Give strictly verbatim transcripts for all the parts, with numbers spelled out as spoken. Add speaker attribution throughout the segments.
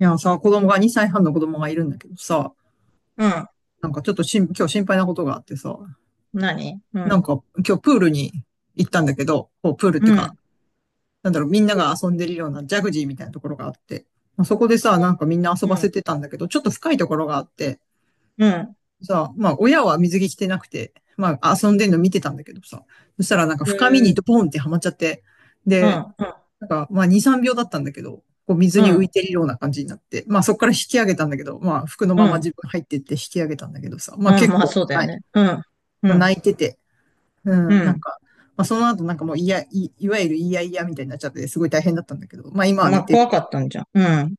Speaker 1: いやさ、子供が、にさいはんの子供がいるんだけどさ、
Speaker 2: うん。
Speaker 1: なんかちょっとしん、今日心配なことがあってさ、
Speaker 2: 何う
Speaker 1: なん
Speaker 2: ん。
Speaker 1: か今日プールに行ったんだけど、こうプールっていう
Speaker 2: う
Speaker 1: か、
Speaker 2: ん。
Speaker 1: なんだろう、みんなが遊んでるようなジャグジーみたいなところがあって、まあ、そこでさ、なんかみんな遊
Speaker 2: うん。
Speaker 1: ば
Speaker 2: うん。
Speaker 1: せてたんだけど、ちょっと深いところがあって、
Speaker 2: うん。
Speaker 1: さ、まあ親は水着着てなくて、まあ遊んでんの見てたんだけどさ、そしたらなんか
Speaker 2: へ
Speaker 1: 深みに
Speaker 2: ー
Speaker 1: ドポンってはまっちゃって、
Speaker 2: う
Speaker 1: で、
Speaker 2: ん。
Speaker 1: なんか、まあ、に、さんびょうだったんだけど、こう水
Speaker 2: うん。う
Speaker 1: に浮い
Speaker 2: ん。
Speaker 1: てるような感じになって、まあ、そこから引き上げたんだけど、まあ、服の
Speaker 2: う
Speaker 1: まま
Speaker 2: ん。
Speaker 1: 自分入ってって引き上げたんだけどさ、まあ、
Speaker 2: あ、
Speaker 1: 結
Speaker 2: まあ
Speaker 1: 構、
Speaker 2: そうだ
Speaker 1: は
Speaker 2: よ
Speaker 1: い。
Speaker 2: ね。うん。う
Speaker 1: まあ、
Speaker 2: ん。
Speaker 1: 泣いてて、う
Speaker 2: う
Speaker 1: ん、なん
Speaker 2: ん。
Speaker 1: か、まあ、その後なんかもう、いや、い、いわゆるいやいやみたいになっちゃって、すごい大変だったんだけど、まあ、今は
Speaker 2: ま
Speaker 1: 寝
Speaker 2: あ
Speaker 1: てる。
Speaker 2: 怖かったんじゃん。うん。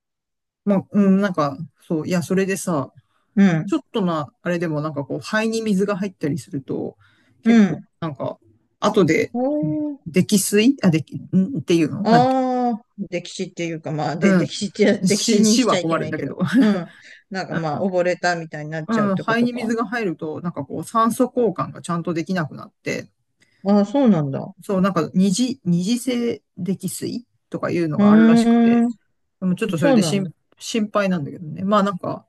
Speaker 1: まあ、うん、なんか、そう、いや、それでさ、
Speaker 2: うん。
Speaker 1: ちょっとな、あれでもなんかこう、肺に水が入ったりすると、
Speaker 2: う
Speaker 1: 結構、
Speaker 2: ん。
Speaker 1: なんか、後で、
Speaker 2: おー
Speaker 1: 溺水あ、でき、んっていうのなんて、
Speaker 2: ああ、歴史っていうか、まあ、で、
Speaker 1: う
Speaker 2: 歴
Speaker 1: ん。
Speaker 2: 史って、歴史
Speaker 1: 死、
Speaker 2: に
Speaker 1: 死
Speaker 2: しち
Speaker 1: は
Speaker 2: ゃい
Speaker 1: 困
Speaker 2: け
Speaker 1: る
Speaker 2: な
Speaker 1: ん
Speaker 2: い
Speaker 1: だ
Speaker 2: け
Speaker 1: け
Speaker 2: ど。
Speaker 1: ど。
Speaker 2: うん。なん
Speaker 1: う
Speaker 2: かまあ、
Speaker 1: ん、
Speaker 2: 溺れたみたいになっちゃうっ
Speaker 1: うん、
Speaker 2: てこ
Speaker 1: 肺
Speaker 2: と
Speaker 1: に
Speaker 2: か。
Speaker 1: 水が入ると、なんかこう、酸素交換がちゃんとできなくなって、
Speaker 2: ああ、そうなんだ。
Speaker 1: そう、なんか二次、二次性溺水とかいうの
Speaker 2: う
Speaker 1: があるらしくて、
Speaker 2: ーん。
Speaker 1: でもちょっとそ
Speaker 2: そ
Speaker 1: れ
Speaker 2: う
Speaker 1: で
Speaker 2: なん
Speaker 1: 心、
Speaker 2: だ。
Speaker 1: 心配なんだけどね。まあなんか、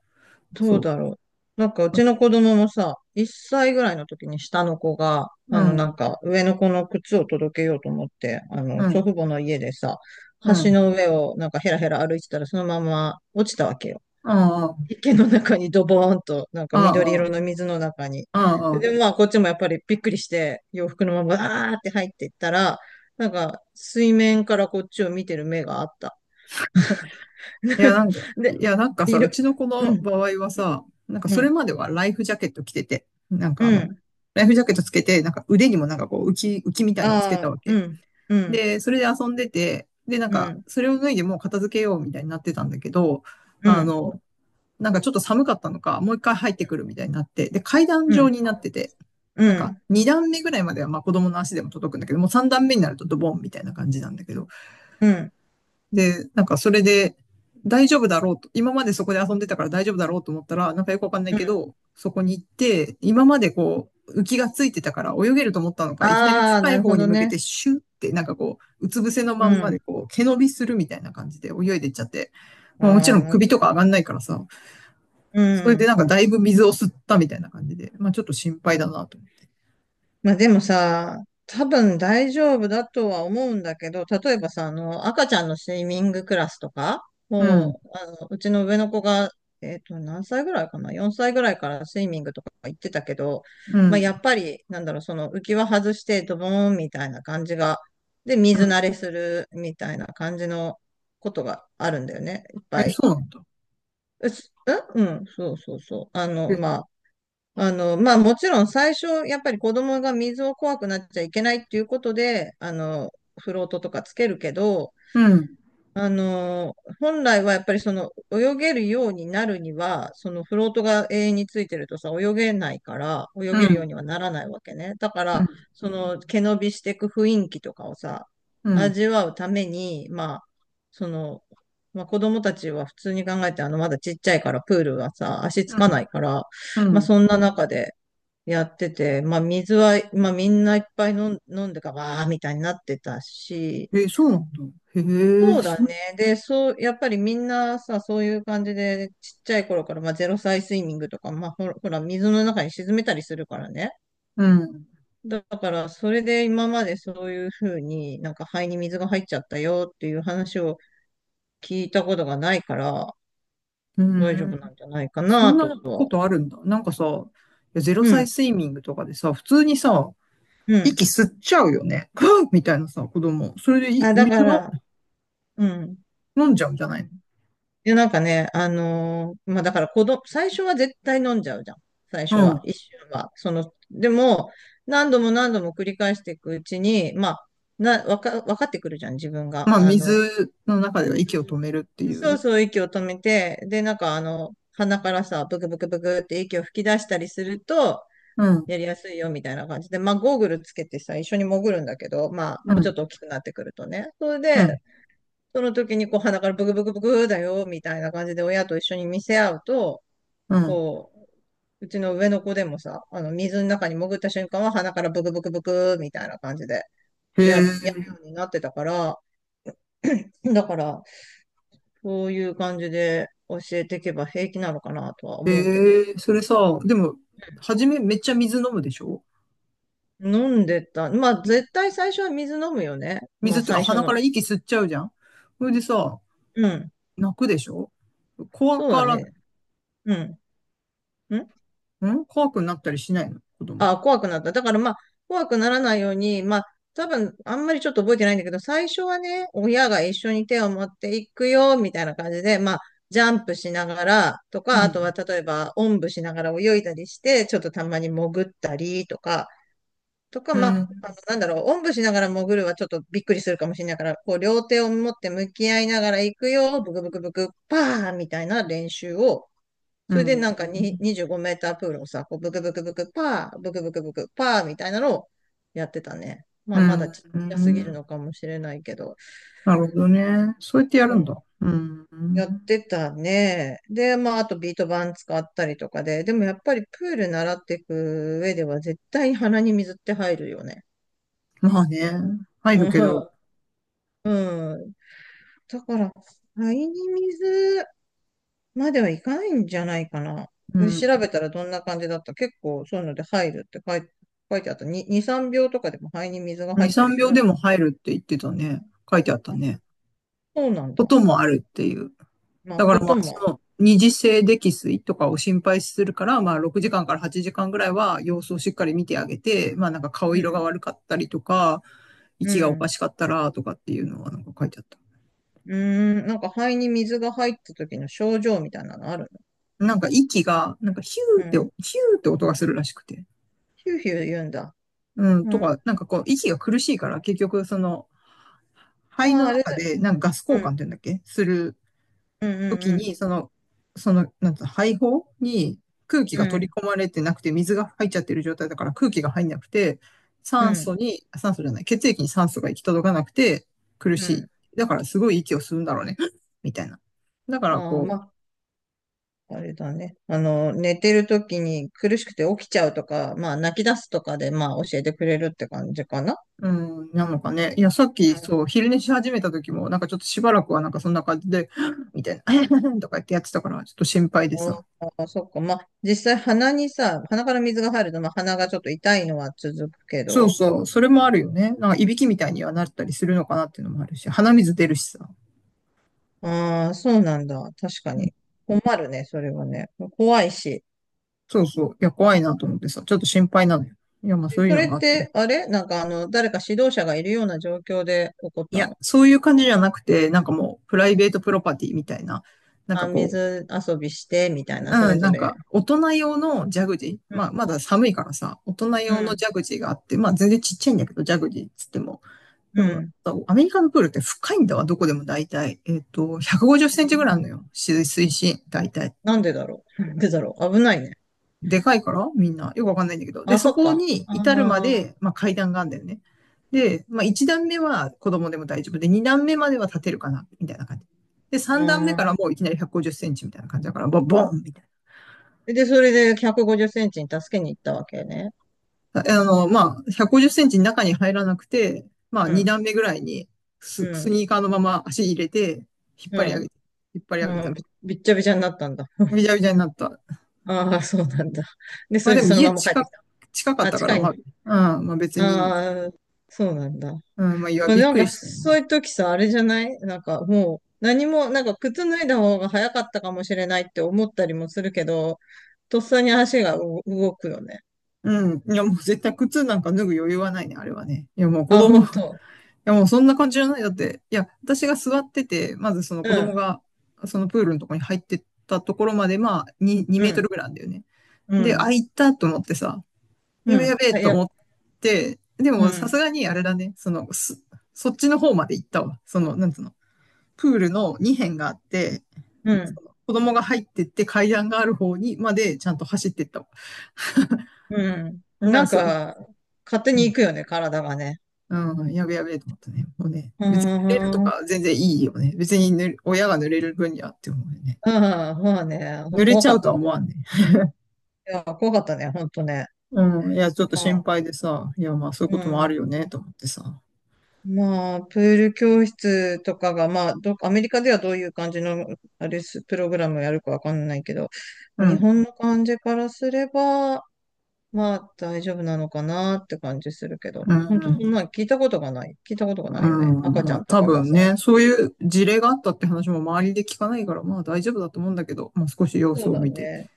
Speaker 2: どう
Speaker 1: そ
Speaker 2: だろう。なんかう
Speaker 1: う。
Speaker 2: ちの子供もさ、いっさいぐらいの時に下の子が、
Speaker 1: う
Speaker 2: あのな
Speaker 1: ん、
Speaker 2: んか上の子の靴を届けようと思って、あ
Speaker 1: う
Speaker 2: の祖
Speaker 1: ん、
Speaker 2: 父母の家でさ、
Speaker 1: う
Speaker 2: 橋
Speaker 1: ん。
Speaker 2: の上をなんかヘラヘラ歩いてたらそのまま落ちたわけよ。
Speaker 1: ああ、
Speaker 2: 池の中にドボーンと、なんか緑色の
Speaker 1: あ
Speaker 2: 水の中に。
Speaker 1: あ、あ
Speaker 2: で、
Speaker 1: あ。
Speaker 2: まあこっちもやっぱりびっくりして洋服のままバーって入っていったら、なんか水面からこっちを見てる目があった。
Speaker 1: いや、な んか、
Speaker 2: で、
Speaker 1: いや、なんかさ、
Speaker 2: い
Speaker 1: う
Speaker 2: る、
Speaker 1: ちの子
Speaker 2: う
Speaker 1: の
Speaker 2: ん、
Speaker 1: 場合はさ、なんか
Speaker 2: う
Speaker 1: それ
Speaker 2: ん、
Speaker 1: まではライフジャケット着てて、なん
Speaker 2: う
Speaker 1: かあの、
Speaker 2: ん。
Speaker 1: ライフジャケットつけて、なんか腕にもなんかこう浮き、浮きみたいのつけ
Speaker 2: あ
Speaker 1: た
Speaker 2: あ、
Speaker 1: わ
Speaker 2: う
Speaker 1: け。
Speaker 2: ん、うん、
Speaker 1: で、それで遊んでて、で、なん
Speaker 2: う
Speaker 1: か、
Speaker 2: ん、
Speaker 1: それを脱いでもう片付けようみたいになってたんだけど、
Speaker 2: う
Speaker 1: あ
Speaker 2: ん、
Speaker 1: の、なんかちょっと寒かったのか、もう一回入ってくるみたいになって、で、階段
Speaker 2: う
Speaker 1: 状
Speaker 2: ん、
Speaker 1: になってて、
Speaker 2: う
Speaker 1: なんか、
Speaker 2: ん、
Speaker 1: 二段目ぐらいまでは、まあ子供の足でも届くんだけど、もう三段目になるとドボンみたいな感じなんだけど、
Speaker 2: うん、
Speaker 1: で、なんかそれで大丈夫だろうと、今までそこで遊んでたから大丈夫だろうと思ったら、なんかよくわかんない
Speaker 2: う
Speaker 1: け
Speaker 2: ん。
Speaker 1: ど、そこに行って、今までこう、浮きがついてたから泳げると思ったのか、いきなり
Speaker 2: ああ、
Speaker 1: 深
Speaker 2: な
Speaker 1: い
Speaker 2: る
Speaker 1: 方
Speaker 2: ほ
Speaker 1: に
Speaker 2: ど
Speaker 1: 向け
Speaker 2: ね。
Speaker 1: てシュッって、なんかこう、うつ伏せの
Speaker 2: う
Speaker 1: まんま
Speaker 2: ん。
Speaker 1: でこう、毛伸びするみたいな感じで泳いでいっちゃって、
Speaker 2: あ
Speaker 1: まあもちろ
Speaker 2: あ、
Speaker 1: ん
Speaker 2: なる
Speaker 1: 首
Speaker 2: ほ
Speaker 1: とか
Speaker 2: ど。
Speaker 1: 上がんないからさ、
Speaker 2: う
Speaker 1: それで
Speaker 2: ん。
Speaker 1: なんかだいぶ水を吸ったみたいな感じで、まあちょっと心配だなと。
Speaker 2: まあでもさ、多分大丈夫だとは思うんだけど、例えばさ、あの、赤ちゃんのスイミングクラスとか、
Speaker 1: うん、
Speaker 2: もう、あの、うちの上の子が、えっと、何歳ぐらいかな？ よん 歳ぐらいからスイミングとか行ってたけど、
Speaker 1: う
Speaker 2: まあ
Speaker 1: ん、
Speaker 2: やっぱり、なんだろう、その浮き輪外してドボーンみたいな感じが、で、
Speaker 1: う
Speaker 2: 水
Speaker 1: ん。
Speaker 2: 慣れするみたいな感じのことがあるんだよね、いっ
Speaker 1: え、
Speaker 2: ぱい。
Speaker 1: そうなんだ。
Speaker 2: うす、んうん、そうそうそう。あの、
Speaker 1: え、
Speaker 2: まあ、あの、まあもちろん最初、やっぱり子供が水を怖くなっちゃいけないっていうことで、あの、フロートとかつけるけど、
Speaker 1: うん、
Speaker 2: あの本来はやっぱりその泳げるようになるには、そのフロートが永遠についてるとさ、泳げないから、泳
Speaker 1: う
Speaker 2: げるよう
Speaker 1: ん、
Speaker 2: にはならないわけね。だか
Speaker 1: う
Speaker 2: ら、
Speaker 1: ん、
Speaker 2: その毛伸びしていく雰囲気とかをさ、
Speaker 1: うん、
Speaker 2: 味わうために、まあ、その、まあ子供たちは普通に考えて、あの、まだちっちゃいからプールはさ、足つ
Speaker 1: う
Speaker 2: か
Speaker 1: ん、
Speaker 2: ないから、ま
Speaker 1: う
Speaker 2: あ
Speaker 1: ん。
Speaker 2: そんな中でやってて、まあ水は、まあみんないっぱい飲ん、飲んでか、わーみたいになってたし、
Speaker 1: え、そうなんだ。へえ、
Speaker 2: そうだ
Speaker 1: そ、
Speaker 2: ね。で、そう、やっぱりみんなさ、そういう感じで、ちっちゃい頃から、まあ、ゼロ歳スイミングとか、まあ、ほら、ほら、水の中に沈めたりするからね。
Speaker 1: うん。
Speaker 2: だから、それで今までそういうふうになんか肺に水が入っちゃったよっていう話を聞いたことがないから、
Speaker 1: う
Speaker 2: 大丈夫
Speaker 1: ん。
Speaker 2: なんじゃないか
Speaker 1: そ
Speaker 2: な
Speaker 1: んな
Speaker 2: と
Speaker 1: こ
Speaker 2: は。
Speaker 1: とあるんだ。なんかさ、いやゼロ
Speaker 2: う
Speaker 1: 歳
Speaker 2: ん、
Speaker 1: スイミングとかでさ、普通にさ、
Speaker 2: うん。
Speaker 1: 息吸っちゃうよね。ふっみたいなさ、子供。それでい
Speaker 2: あ、だか
Speaker 1: 水の
Speaker 2: ら、うん。
Speaker 1: 飲んじゃうんじゃないの。
Speaker 2: で、なんかね、あのーまあ、だから子供、最初は絶対飲んじゃうじゃん。最初
Speaker 1: う
Speaker 2: は。
Speaker 1: ん。
Speaker 2: 一瞬は。その、でも、何度も何度も繰り返していくうちに、まあ、な、わか、わかってくるじゃん、自分が。
Speaker 1: まあ、
Speaker 2: あの、
Speaker 1: 水の中では息を止めるって
Speaker 2: うん
Speaker 1: い
Speaker 2: そう
Speaker 1: う。
Speaker 2: そう、息を止めて、で、なんかあの、鼻からさ、ブクブクブクって息を吹き出したりすると、
Speaker 1: うん。
Speaker 2: やりやすいよ、みたいな感じで、まあ、ゴーグルつけてさ、一緒に潜るんだけど、まあ、
Speaker 1: う
Speaker 2: もうち
Speaker 1: ん。
Speaker 2: ょっと大きくなってくるとね。それ
Speaker 1: う
Speaker 2: で、
Speaker 1: ん。
Speaker 2: その時にこう鼻からブクブクブクだよ、みたいな感じで親と一緒に見せ合うと、
Speaker 1: うん。
Speaker 2: こう、うちの上の子でもさ、あの、水の中に潜った瞬間は鼻からブクブクブクみたいな感じで、
Speaker 1: へ
Speaker 2: や、やるよ
Speaker 1: え、
Speaker 2: うになってたから、だから、そういう感じで教えていけば平気なのかなとは
Speaker 1: へ
Speaker 2: 思うけど。
Speaker 1: え、それさ、でも、初めめっちゃ水飲むでしょ。
Speaker 2: 飲んでた。まあ、
Speaker 1: み
Speaker 2: 絶対最初は水飲むよね。ま
Speaker 1: 水
Speaker 2: あ、
Speaker 1: っていうか
Speaker 2: 最初
Speaker 1: 鼻か
Speaker 2: の。
Speaker 1: ら息吸っちゃうじゃん。それでさ、
Speaker 2: うん。
Speaker 1: 泣くでしょ。怖
Speaker 2: そう
Speaker 1: か
Speaker 2: だ
Speaker 1: らない。
Speaker 2: ね。うん。ん
Speaker 1: ん怖くなったりしないの子供
Speaker 2: ああ、
Speaker 1: は。
Speaker 2: 怖くなった。だからまあ、怖くならないように、まあ、多分、あんまりちょっと覚えてないんだけど、最初はね、親が一緒に手を持っていくよ、みたいな感じで、まあ、ジャンプしながらと
Speaker 1: う
Speaker 2: か、あとは
Speaker 1: ん。
Speaker 2: 例えば、おんぶしながら泳いだりして、ちょっとたまに潜ったりとか、とか、
Speaker 1: う
Speaker 2: まあ、
Speaker 1: ん。
Speaker 2: あのなんだろう、おんぶしながら潜るはちょっとびっくりするかもしれないから、こう、両手を持って向き合いながら行くよ、ブクブクブク、パーみたいな練習を、
Speaker 1: う
Speaker 2: それで
Speaker 1: ん。
Speaker 2: なんかににじゅうごメータープールをさ、こうブクブクブクパー、ブクブクブクパーみたいなのをやってたね。まあ
Speaker 1: う
Speaker 2: まだ
Speaker 1: ん。
Speaker 2: ちっ
Speaker 1: う
Speaker 2: ちゃすぎる
Speaker 1: ん
Speaker 2: のかもしれないけど。
Speaker 1: なるほどね。そうやってやる
Speaker 2: う
Speaker 1: んだ。
Speaker 2: ん。
Speaker 1: うん。
Speaker 2: やってたね。で、まああとビート板使ったりとかで。でもやっぱりプール習っていく上では絶対に鼻に水って入るよね。
Speaker 1: まあね。入る
Speaker 2: う
Speaker 1: けど、
Speaker 2: ん。うん。だから、肺に水、まではいかないんじゃないかな。
Speaker 1: うん。
Speaker 2: 調べたらどんな感じだった結構そういうので入るって書い、書いてあった。に、に、さんびょうとかでも肺に水が入っ
Speaker 1: に、
Speaker 2: たり
Speaker 1: 3
Speaker 2: す
Speaker 1: 秒で
Speaker 2: る。
Speaker 1: も入るって言ってたね。書いてあったね。
Speaker 2: そうなん
Speaker 1: こ
Speaker 2: だ。
Speaker 1: ともあるっていう。
Speaker 2: まあ、こともあ
Speaker 1: 二次性溺水とかを心配するから、まあろくじかんかんからはちじかんぐらいは様子をしっかり見てあげて、まあなんか顔色が
Speaker 2: る。
Speaker 1: 悪かったりとか、
Speaker 2: う
Speaker 1: 息
Speaker 2: ん。う
Speaker 1: がおか
Speaker 2: ん。
Speaker 1: しかったらとかっていうのはなんか書いてあった。
Speaker 2: うーん。なんか肺に水が入った時の症状みたいなのある
Speaker 1: なんか息が、なんかヒ
Speaker 2: のう
Speaker 1: ュー
Speaker 2: ん。
Speaker 1: って、ヒューって音がするらしくて。
Speaker 2: ヒューヒュー言うんだ。
Speaker 1: うん、
Speaker 2: う
Speaker 1: と
Speaker 2: ん。
Speaker 1: か、なんかこう、息が苦しいから、結局、その、肺
Speaker 2: ま
Speaker 1: の
Speaker 2: あ、あれだ。
Speaker 1: 中で、なんかガス交
Speaker 2: うん。
Speaker 1: 換って言うんだっけする
Speaker 2: うん
Speaker 1: とき
Speaker 2: うん
Speaker 1: に、その、その、なんつうの、肺胞に空気
Speaker 2: う
Speaker 1: が取り
Speaker 2: ん。
Speaker 1: 込まれてなくて、水が入っちゃってる状態だから空気が入んなくて、
Speaker 2: うん。
Speaker 1: 酸
Speaker 2: うん。
Speaker 1: 素に、酸素じゃない、血液に酸素が行き届かなくて苦
Speaker 2: う
Speaker 1: し
Speaker 2: ん。
Speaker 1: い。だからすごい息を吸うんだろうね。みたいな。だから
Speaker 2: ああ、
Speaker 1: こう、
Speaker 2: まあ。あれだね。あの、寝てる時に苦しくて起きちゃうとか、まあ泣き出すとかで、まあ教えてくれるって感じかな。
Speaker 1: うん、なのかね。いや、さっ
Speaker 2: う
Speaker 1: き、
Speaker 2: ん、
Speaker 1: そう、昼寝し始めた時も、なんかちょっとしばらくはなんかそんな感じで、みたいな、とか言ってやってたから、ちょっと心配でさ。
Speaker 2: あーそっか。まあ、実際鼻にさ、鼻から水が入ると、まあ、鼻がちょっと痛いのは続くけ
Speaker 1: そう
Speaker 2: ど、
Speaker 1: そう、それもあるよね。なんか、いびきみたいにはなったりするのかなっていうのもあるし、鼻水出るしさ。
Speaker 2: ああ、そうなんだ。確か
Speaker 1: うん、
Speaker 2: に。困るね、それはね。怖いし。
Speaker 1: そうそう、いや、怖いなと思ってさ、ちょっと心配なのよ。いや、まあ
Speaker 2: で、
Speaker 1: そういう
Speaker 2: そ
Speaker 1: の
Speaker 2: れ
Speaker 1: があ
Speaker 2: っ
Speaker 1: って。
Speaker 2: て、あれなんかあの、誰か指導者がいるような状況で起こっ
Speaker 1: い
Speaker 2: た
Speaker 1: や、
Speaker 2: の？
Speaker 1: そういう感じじゃなくて、なんかもう、プライベートプロパティみたいな、なんか
Speaker 2: あ、
Speaker 1: こう、
Speaker 2: 水遊びして、みたいな、そ
Speaker 1: う
Speaker 2: れ
Speaker 1: ん、な
Speaker 2: ぞ
Speaker 1: ん
Speaker 2: れ。
Speaker 1: か、大人用のジャグジー。
Speaker 2: う
Speaker 1: まあ、
Speaker 2: ん、
Speaker 1: まだ寒いからさ、大人
Speaker 2: う
Speaker 1: 用の
Speaker 2: ん、
Speaker 1: ジャグジーがあって、まあ、全然ちっちゃいんだけど、ジャグジーっつっても。で
Speaker 2: う
Speaker 1: も、
Speaker 2: ん。
Speaker 1: アメリカのプールって深いんだわ、どこでも大体。えっと、150セ
Speaker 2: う
Speaker 1: ンチぐらいある
Speaker 2: ん、
Speaker 1: のよ。水水深、大体。
Speaker 2: なんでだろう、なんでだろう、危ないね。
Speaker 1: でかいから、みんな。よくわかんないんだけど。で、
Speaker 2: あ、
Speaker 1: そ
Speaker 2: そっ
Speaker 1: こ
Speaker 2: か。
Speaker 1: に
Speaker 2: あ
Speaker 1: 至るま
Speaker 2: あ、
Speaker 1: で、まあ、階段が
Speaker 2: う
Speaker 1: あるん
Speaker 2: ん。
Speaker 1: だよね。で、まあ、いち段目は子供でも大丈夫で、に段目までは立てるかな、みたいな感じ。で、
Speaker 2: あ
Speaker 1: さん段目からもういきなりひゃくごじゅっセンチみたいな感じだから、ボボンみたいな。
Speaker 2: あ、で、それでひゃくごじゅっセンチに助けに行ったわけね。
Speaker 1: あの、まあ、ひゃくごじゅっセンチ中に入らなくて、まあ、
Speaker 2: う
Speaker 1: に
Speaker 2: ん、
Speaker 1: 段目ぐらいにス、
Speaker 2: う
Speaker 1: ス
Speaker 2: ん、
Speaker 1: ニーカーのまま足入れて、引っ
Speaker 2: う
Speaker 1: 張り上
Speaker 2: ん、
Speaker 1: げて、引っ張り上げ
Speaker 2: う
Speaker 1: た
Speaker 2: ん、
Speaker 1: ら、
Speaker 2: び、びっちゃびちゃになったんだ。
Speaker 1: び ちゃびちゃになった。
Speaker 2: ああ、そうなんだ。で、そ
Speaker 1: まあ、
Speaker 2: れ
Speaker 1: で
Speaker 2: で
Speaker 1: も
Speaker 2: その
Speaker 1: 家
Speaker 2: まま帰って
Speaker 1: 近、
Speaker 2: きた。
Speaker 1: 近かっ
Speaker 2: あ、
Speaker 1: たか
Speaker 2: 近
Speaker 1: ら、
Speaker 2: い
Speaker 1: ま
Speaker 2: ね。
Speaker 1: あ、うん、まあ別にいいんだけど。
Speaker 2: ああ、そうなんだ。ま
Speaker 1: うん、まあ、いや、
Speaker 2: あ、
Speaker 1: びっ
Speaker 2: なん
Speaker 1: くり
Speaker 2: か、
Speaker 1: したよね。
Speaker 2: そういう時さ、あれじゃないなんか、もう、何も、なんか、靴脱いだ方が早かったかもしれないって思ったりもするけど、とっさに足がう動くよね。
Speaker 1: うん。いや、もう絶対靴なんか脱ぐ余裕はないね、あれはね。いや、もう子
Speaker 2: あ、
Speaker 1: 供、い
Speaker 2: 本当。
Speaker 1: や、もうそんな感じじゃない。だって、いや、私が座ってて、まずその
Speaker 2: う
Speaker 1: 子供
Speaker 2: ん、
Speaker 1: が、そのプールのとこに入ってったところまで、まあ、に、2
Speaker 2: う
Speaker 1: メート
Speaker 2: ん、
Speaker 1: ルぐらいなんだよね。
Speaker 2: う
Speaker 1: で、あ、
Speaker 2: ん、
Speaker 1: 行ったと思ってさ、
Speaker 2: う
Speaker 1: やべや
Speaker 2: ん。
Speaker 1: べ
Speaker 2: あ、い
Speaker 1: と
Speaker 2: や、
Speaker 1: 思って、で
Speaker 2: う
Speaker 1: もさ
Speaker 2: ん、
Speaker 1: すがにあれだね、その、すそっちの方まで行ったわ。その、なんつうの、プールのにへん辺があって、
Speaker 2: うん、
Speaker 1: 子供が入ってって階段がある方にまでちゃんと走ってったわ。
Speaker 2: うん。
Speaker 1: だか
Speaker 2: な
Speaker 1: ら
Speaker 2: ん
Speaker 1: そ、い
Speaker 2: か、勝手
Speaker 1: う
Speaker 2: に
Speaker 1: ん、
Speaker 2: 行くよね、体がね。
Speaker 1: うん、やべやべと思ったね。もうね、
Speaker 2: う
Speaker 1: 別に濡れると
Speaker 2: ー
Speaker 1: か
Speaker 2: ん。
Speaker 1: 全然いいよね。別にぬ親が濡れる分にはって思うよね。
Speaker 2: うん、まあね、
Speaker 1: 濡れ
Speaker 2: 怖
Speaker 1: ちゃ
Speaker 2: かっ
Speaker 1: うと
Speaker 2: た
Speaker 1: は思
Speaker 2: ね。
Speaker 1: わんね。
Speaker 2: いや、怖かったね、ほんとね。
Speaker 1: うん、いや、ちょっと
Speaker 2: ま
Speaker 1: 心
Speaker 2: あ、
Speaker 1: 配でさ、いや、まあそういう
Speaker 2: う
Speaker 1: こともある
Speaker 2: ん。
Speaker 1: よね、と思ってさ。
Speaker 2: まあ、プール教室とかが、まあ、ど、アメリカではどういう感じの、あれす、プログラムをやるかわかんないけど、
Speaker 1: う
Speaker 2: まあ日本
Speaker 1: ん、
Speaker 2: の感じからすれば、まあ、大丈夫なのかなって感じするけど、
Speaker 1: う
Speaker 2: ほん
Speaker 1: ん、う
Speaker 2: と、そん
Speaker 1: ん。
Speaker 2: なん聞いたことがない。聞いたことがな
Speaker 1: う
Speaker 2: いよね。
Speaker 1: ん、
Speaker 2: 赤ち
Speaker 1: ま
Speaker 2: ゃ
Speaker 1: あ
Speaker 2: んと
Speaker 1: 多
Speaker 2: かが
Speaker 1: 分
Speaker 2: さ。
Speaker 1: ね、そういう事例があったって話も周りで聞かないから、まあ大丈夫だと思うんだけど、まあ少し様
Speaker 2: そ
Speaker 1: 子
Speaker 2: う
Speaker 1: を
Speaker 2: だ
Speaker 1: 見て。
Speaker 2: ね。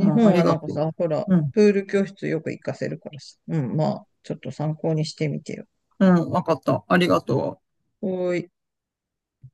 Speaker 1: うん、あ
Speaker 2: 本
Speaker 1: り
Speaker 2: はな
Speaker 1: が
Speaker 2: んか
Speaker 1: と
Speaker 2: さ、ほら、
Speaker 1: う。うん、
Speaker 2: プール教室よく行かせるからさ。うん、まあ、ちょっと参考にしてみてよ。
Speaker 1: うん、わかった。ありがとう。
Speaker 2: おーい。